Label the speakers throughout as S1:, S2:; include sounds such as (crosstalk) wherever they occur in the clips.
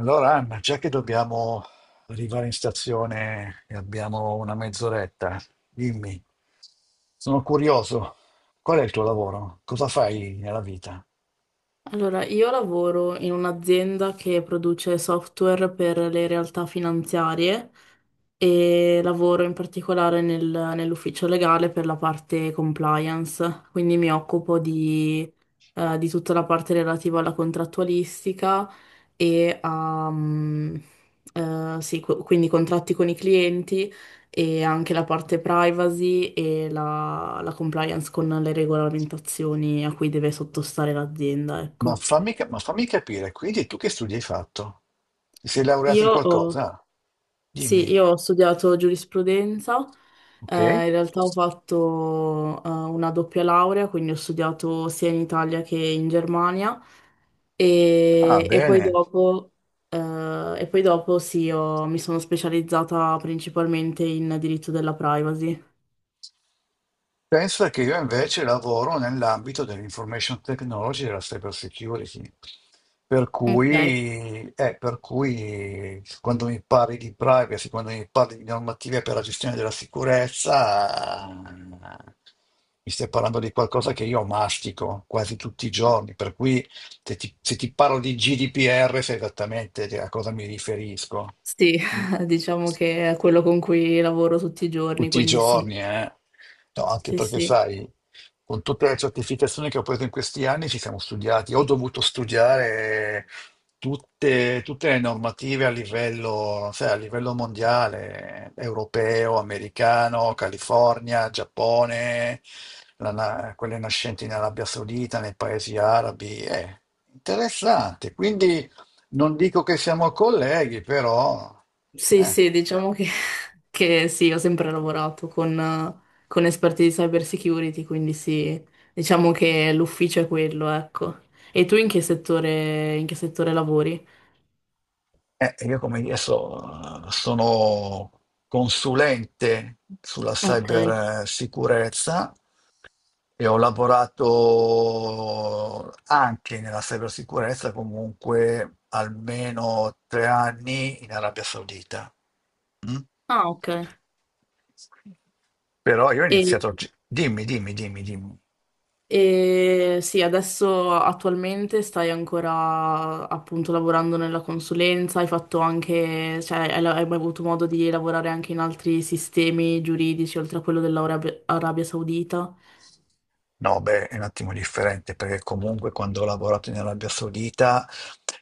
S1: Allora, Anna, già che dobbiamo arrivare in stazione e abbiamo una mezz'oretta, dimmi, sono curioso, qual è il tuo lavoro? Cosa fai nella vita?
S2: Allora, io lavoro in un'azienda che produce software per le realtà finanziarie e lavoro in particolare nell'ufficio legale per la parte compliance, quindi mi occupo di tutta la parte relativa alla contrattualistica e a, mm, sì, qu- quindi contratti con i clienti e anche la parte privacy e la compliance con le regolamentazioni a cui deve sottostare l'azienda, ecco.
S1: Ma fammi capire, quindi tu che studi hai fatto? Ti sei laureato in
S2: Io ho,
S1: qualcosa?
S2: sì,
S1: Dimmi,
S2: io ho studiato giurisprudenza,
S1: ok?
S2: in realtà ho fatto una doppia laurea, quindi ho studiato sia in Italia che in Germania
S1: Ah,
S2: e poi
S1: bene.
S2: dopo, eh, e poi dopo sì, mi sono specializzata principalmente in diritto della privacy.
S1: Pensa che io invece lavoro nell'ambito dell'information technology e della cyber security,
S2: Ok,
S1: per cui quando mi parli di privacy, quando mi parli di normative per la gestione della sicurezza, mi stai parlando di qualcosa che io mastico quasi tutti i giorni, per cui se ti parlo di GDPR sai esattamente a cosa mi riferisco.
S2: sì,
S1: Mm.
S2: (laughs) diciamo che è quello con cui lavoro tutti i giorni,
S1: Tutti i
S2: quindi sì,
S1: giorni, eh. No, anche
S2: sì,
S1: perché
S2: sì.
S1: sai, con tutte le certificazioni che ho preso in questi anni ci siamo studiati, ho dovuto studiare tutte le normative a livello, sai, a livello mondiale, europeo, americano, California, Giappone, la na- quelle nascenti in Arabia Saudita, nei paesi arabi. È interessante, quindi non dico che siamo colleghi, però...
S2: Sì,
S1: eh.
S2: sì, (laughs) che sì, ho sempre lavorato con esperti di cyber security, quindi sì, diciamo che l'ufficio è quello, ecco. E tu in che settore lavori?
S1: Io come dire, sono consulente sulla
S2: Ok.
S1: cybersicurezza e ho lavorato anche nella cybersicurezza comunque almeno 3 anni in Arabia Saudita. Mm?
S2: Ah, ok.
S1: Però io ho
S2: E,
S1: iniziato... Dimmi, dimmi, dimmi, dimmi.
S2: e sì, adesso attualmente stai ancora appunto lavorando nella consulenza, hai fatto anche, cioè hai mai avuto modo di lavorare anche in altri sistemi giuridici oltre a quello dell'Arabia Arabia Saudita?
S1: No, beh, è un attimo differente perché comunque quando ho lavorato in Arabia Saudita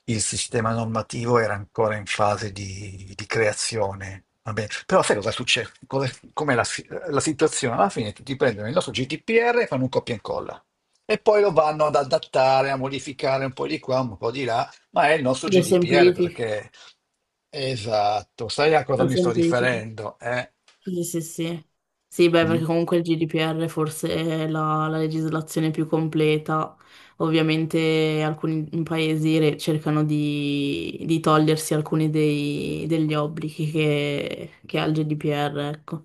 S1: il sistema normativo era ancora in fase di creazione. Va bene. Però sai cosa succede? Com'è la situazione? Alla fine tutti prendono il nostro GDPR e fanno un copia e incolla e poi lo vanno ad adattare, a modificare un po' di qua, un po' di là, ma è il nostro
S2: Lo
S1: GDPR
S2: semplifichi?
S1: perché... Esatto, sai a cosa
S2: Lo
S1: mi sto
S2: semplifica.
S1: riferendo? Eh?
S2: Sì, sì, sì. Sì, beh,
S1: Mm?
S2: perché comunque il GDPR forse è la legislazione più completa. Ovviamente alcuni paesi cercano di togliersi alcuni degli obblighi che ha il GDPR, ecco.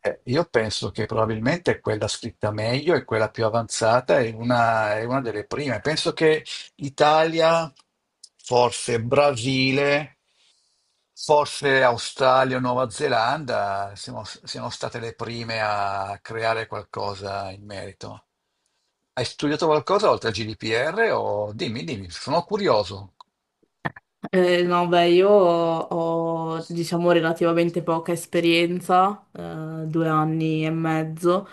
S1: Io penso che probabilmente quella scritta meglio e quella più avanzata è una, delle prime. Penso che Italia, forse Brasile, forse Australia o Nuova Zelanda siano state le prime a creare qualcosa in merito. Hai studiato qualcosa oltre al GDPR o dimmi, dimmi, sono curioso.
S2: No, beh, ho, diciamo, relativamente poca esperienza, due anni e mezzo.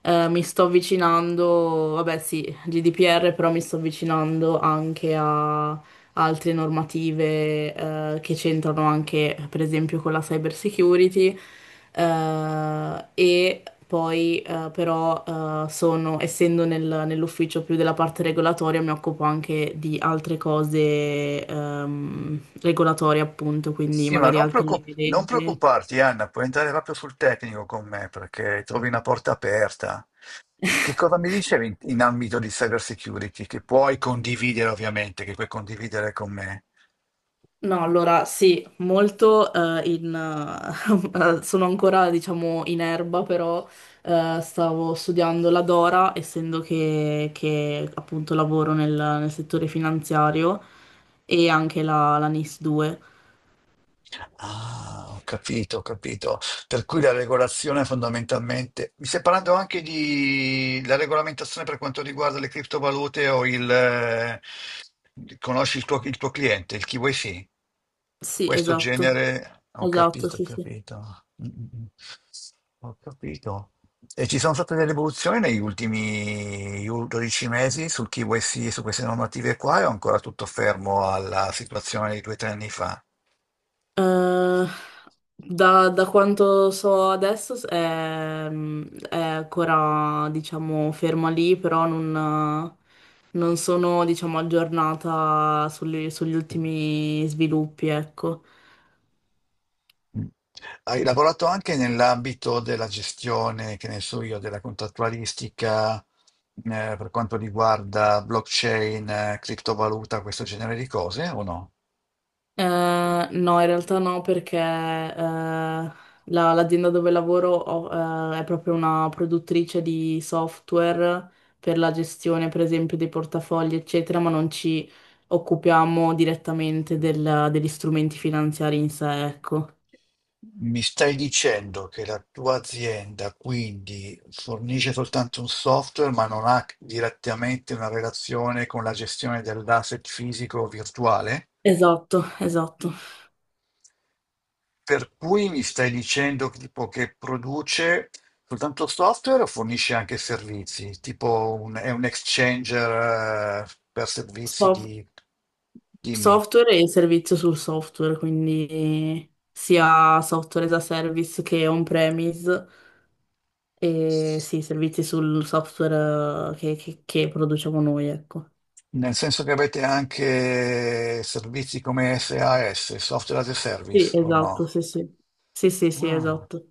S2: Mi sto avvicinando, vabbè, sì, GDPR, però mi sto avvicinando anche altre normative che c'entrano anche, per esempio, con la cyber security, e poi però sono, essendo nell'ufficio più della parte regolatoria, mi occupo anche di altre cose regolatorie, appunto, quindi
S1: Sì, ma
S2: magari altre linee
S1: non
S2: (laughs) guida.
S1: preoccuparti, Anna, puoi entrare proprio sul tecnico con me perché trovi una porta aperta. Che cosa mi dicevi in ambito di cyber security? Che puoi condividere, ovviamente, che puoi condividere con me.
S2: No, allora sì, molto (laughs) sono ancora, diciamo, in erba, però stavo studiando la Dora, essendo che, appunto lavoro nel settore finanziario e anche la NIS 2.
S1: Ah, ho capito, ho capito. Per cui la regolazione fondamentalmente... Mi stai parlando anche di la regolamentazione per quanto riguarda le criptovalute o il... conosci il tuo cliente, il KYC?
S2: Sì,
S1: Questo
S2: esatto,
S1: genere... Ho
S2: esatto,
S1: capito, ho
S2: sì, sì.
S1: capito. Mm, mm, mm. Ho capito. E ci sono state delle evoluzioni negli ultimi 12 mesi su KYC e su queste normative qua, e ho ancora tutto fermo alla situazione di 2 o 3 anni fa.
S2: Eh, Da quanto so adesso è ancora, diciamo, ferma lì, però non, non sono, diciamo, aggiornata sugli ultimi sviluppi, ecco.
S1: Mm. Hai lavorato anche nell'ambito della gestione, che ne so io, della contrattualistica, per quanto riguarda blockchain, criptovaluta, questo genere di cose, o no?
S2: No, in realtà no, perché l'azienda dove lavoro è proprio una produttrice di software per la gestione, per esempio, dei portafogli, eccetera, ma non ci occupiamo direttamente degli strumenti finanziari in sé, ecco.
S1: Mi stai dicendo che la tua azienda quindi fornisce soltanto un software, ma non ha direttamente una relazione con la gestione dell'asset fisico o virtuale?
S2: Esatto, esatto.
S1: Per cui mi stai dicendo che tipo che produce soltanto software o fornisce anche servizi? Tipo un- è un exchanger per servizi
S2: Sof-
S1: di... Dimmi.
S2: Software e servizio sul software, quindi sia software as a service che on-premise. E sì, servizi sul software eh, che produciamo noi, ecco.
S1: Nel senso che avete anche servizi come SaaS, Software as a
S2: Sì,
S1: Service, o
S2: esatto,
S1: no?
S2: sì, sì. Sì, sì, sì,
S1: Ah,
S2: esatto.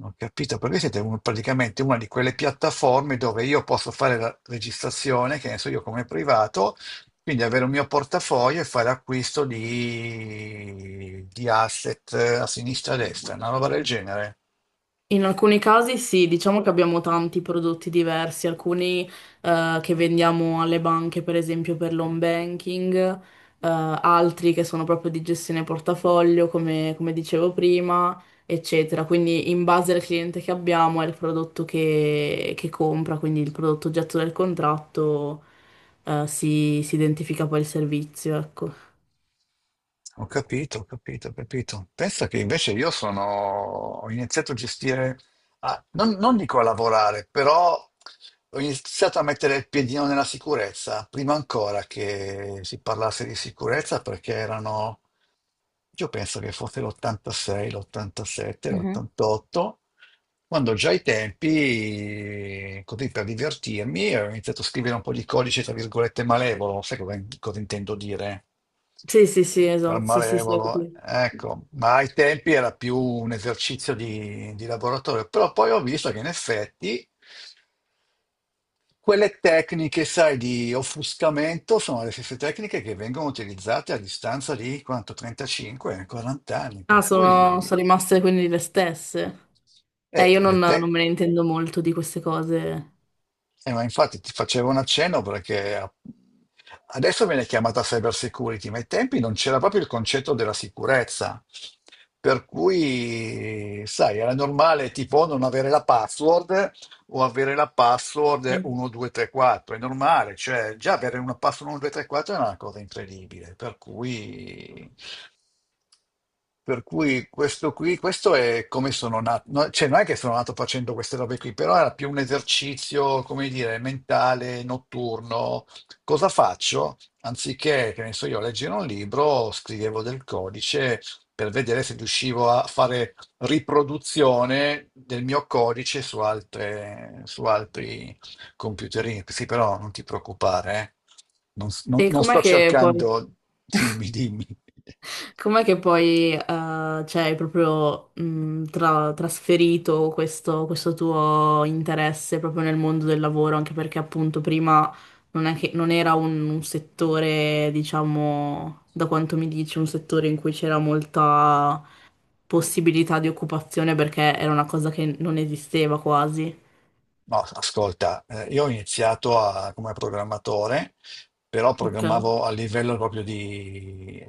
S1: ho capito, perché siete un- praticamente una di quelle piattaforme dove io posso fare la registrazione, che ne so io come privato, quindi avere un mio portafoglio e fare acquisto di asset a sinistra e a destra, una roba del genere.
S2: In alcuni casi sì, diciamo che abbiamo tanti prodotti diversi, alcuni che vendiamo alle banche, per esempio per l'home banking, altri che sono proprio di gestione portafoglio, come, come dicevo prima, eccetera. Quindi in base al cliente che abbiamo è il prodotto che compra, quindi il prodotto oggetto del contratto, si identifica poi il servizio, ecco.
S1: Ho capito, ho capito, ho capito. Pensa che invece ho iniziato a gestire, non dico a lavorare, però ho iniziato a mettere il piedino nella sicurezza, prima ancora che si parlasse di sicurezza, perché erano, io penso che fosse l'86, l'87,
S2: Mhm.
S1: l'88, quando già ai tempi, così per divertirmi, ho iniziato a scrivere un po' di codice, tra virgolette, malevolo, sai cosa, intendo dire?
S2: Sì, sì, sì,
S1: Per
S2: esatto, sì, sì, sì, ho
S1: malevolo,
S2: capito.
S1: ecco, ma ai tempi era più un esercizio di laboratorio, però poi ho visto che in effetti. Quelle tecniche, sai, di offuscamento sono le stesse tecniche che vengono utilizzate a distanza di quanto, 35-40 anni, per
S2: Ah, sono
S1: cui
S2: sono rimaste quindi le stesse.
S1: eh,
S2: Io non,
S1: le
S2: non
S1: te-
S2: me ne intendo molto di queste cose.
S1: ma infatti ti facevo un accenno perché adesso viene chiamata cyber security, ma ai tempi non c'era proprio il concetto della sicurezza. Per cui, sai, era normale tipo non avere la password o avere la password
S2: Mm.
S1: 1234. È normale, cioè già avere una password 1234 è una cosa incredibile, per cui questo qui, questo è come sono nato, no, cioè non è che sono nato facendo queste robe qui, però era più un esercizio, come dire, mentale, notturno. Cosa faccio? Anziché, che ne so io, leggere un libro, scrivevo del codice per vedere se riuscivo a fare riproduzione del mio codice su altri computerini. Sì, però non ti preoccupare, eh. Non, s- non-
S2: E
S1: non
S2: com'è
S1: sto
S2: che poi,
S1: cercando... Dimmi, dimmi.
S2: Com'è che poi cioè, hai proprio trasferito questo, questo tuo interesse proprio nel mondo del lavoro? Anche perché appunto prima non è che, non era un settore, diciamo, da quanto mi dici, un settore in cui c'era molta possibilità di occupazione perché era una cosa che non esisteva quasi.
S1: No, ascolta, io ho iniziato come programmatore, però
S2: Ok,
S1: programmavo a livello proprio di...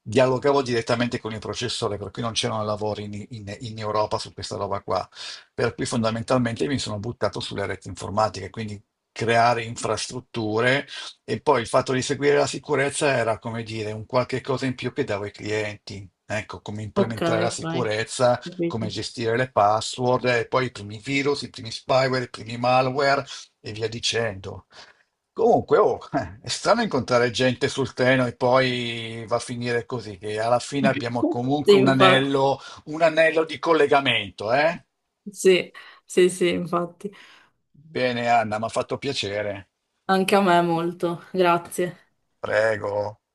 S1: dialogavo direttamente con il processore, per cui non c'erano lavori in Europa su questa roba qua. Per cui fondamentalmente mi sono buttato sulle reti informatiche, quindi creare infrastrutture e poi il fatto di seguire la sicurezza era, come dire, un qualche cosa in più che davo ai clienti. Ecco, come
S2: ok,
S1: implementare la
S2: ok.
S1: sicurezza come
S2: Capito.
S1: gestire le password, e poi i primi virus, i primi spyware, i primi malware e via dicendo. Comunque, oh, (laughs) è strano incontrare gente sul treno e poi va a finire così, che alla fine abbiamo
S2: Sì,
S1: comunque
S2: infatti,
S1: un anello di collegamento, eh?
S2: sì, sì, sì, infatti,
S1: Bene, Anna, mi ha fatto piacere.
S2: anche a me molto, grazie.
S1: Prego.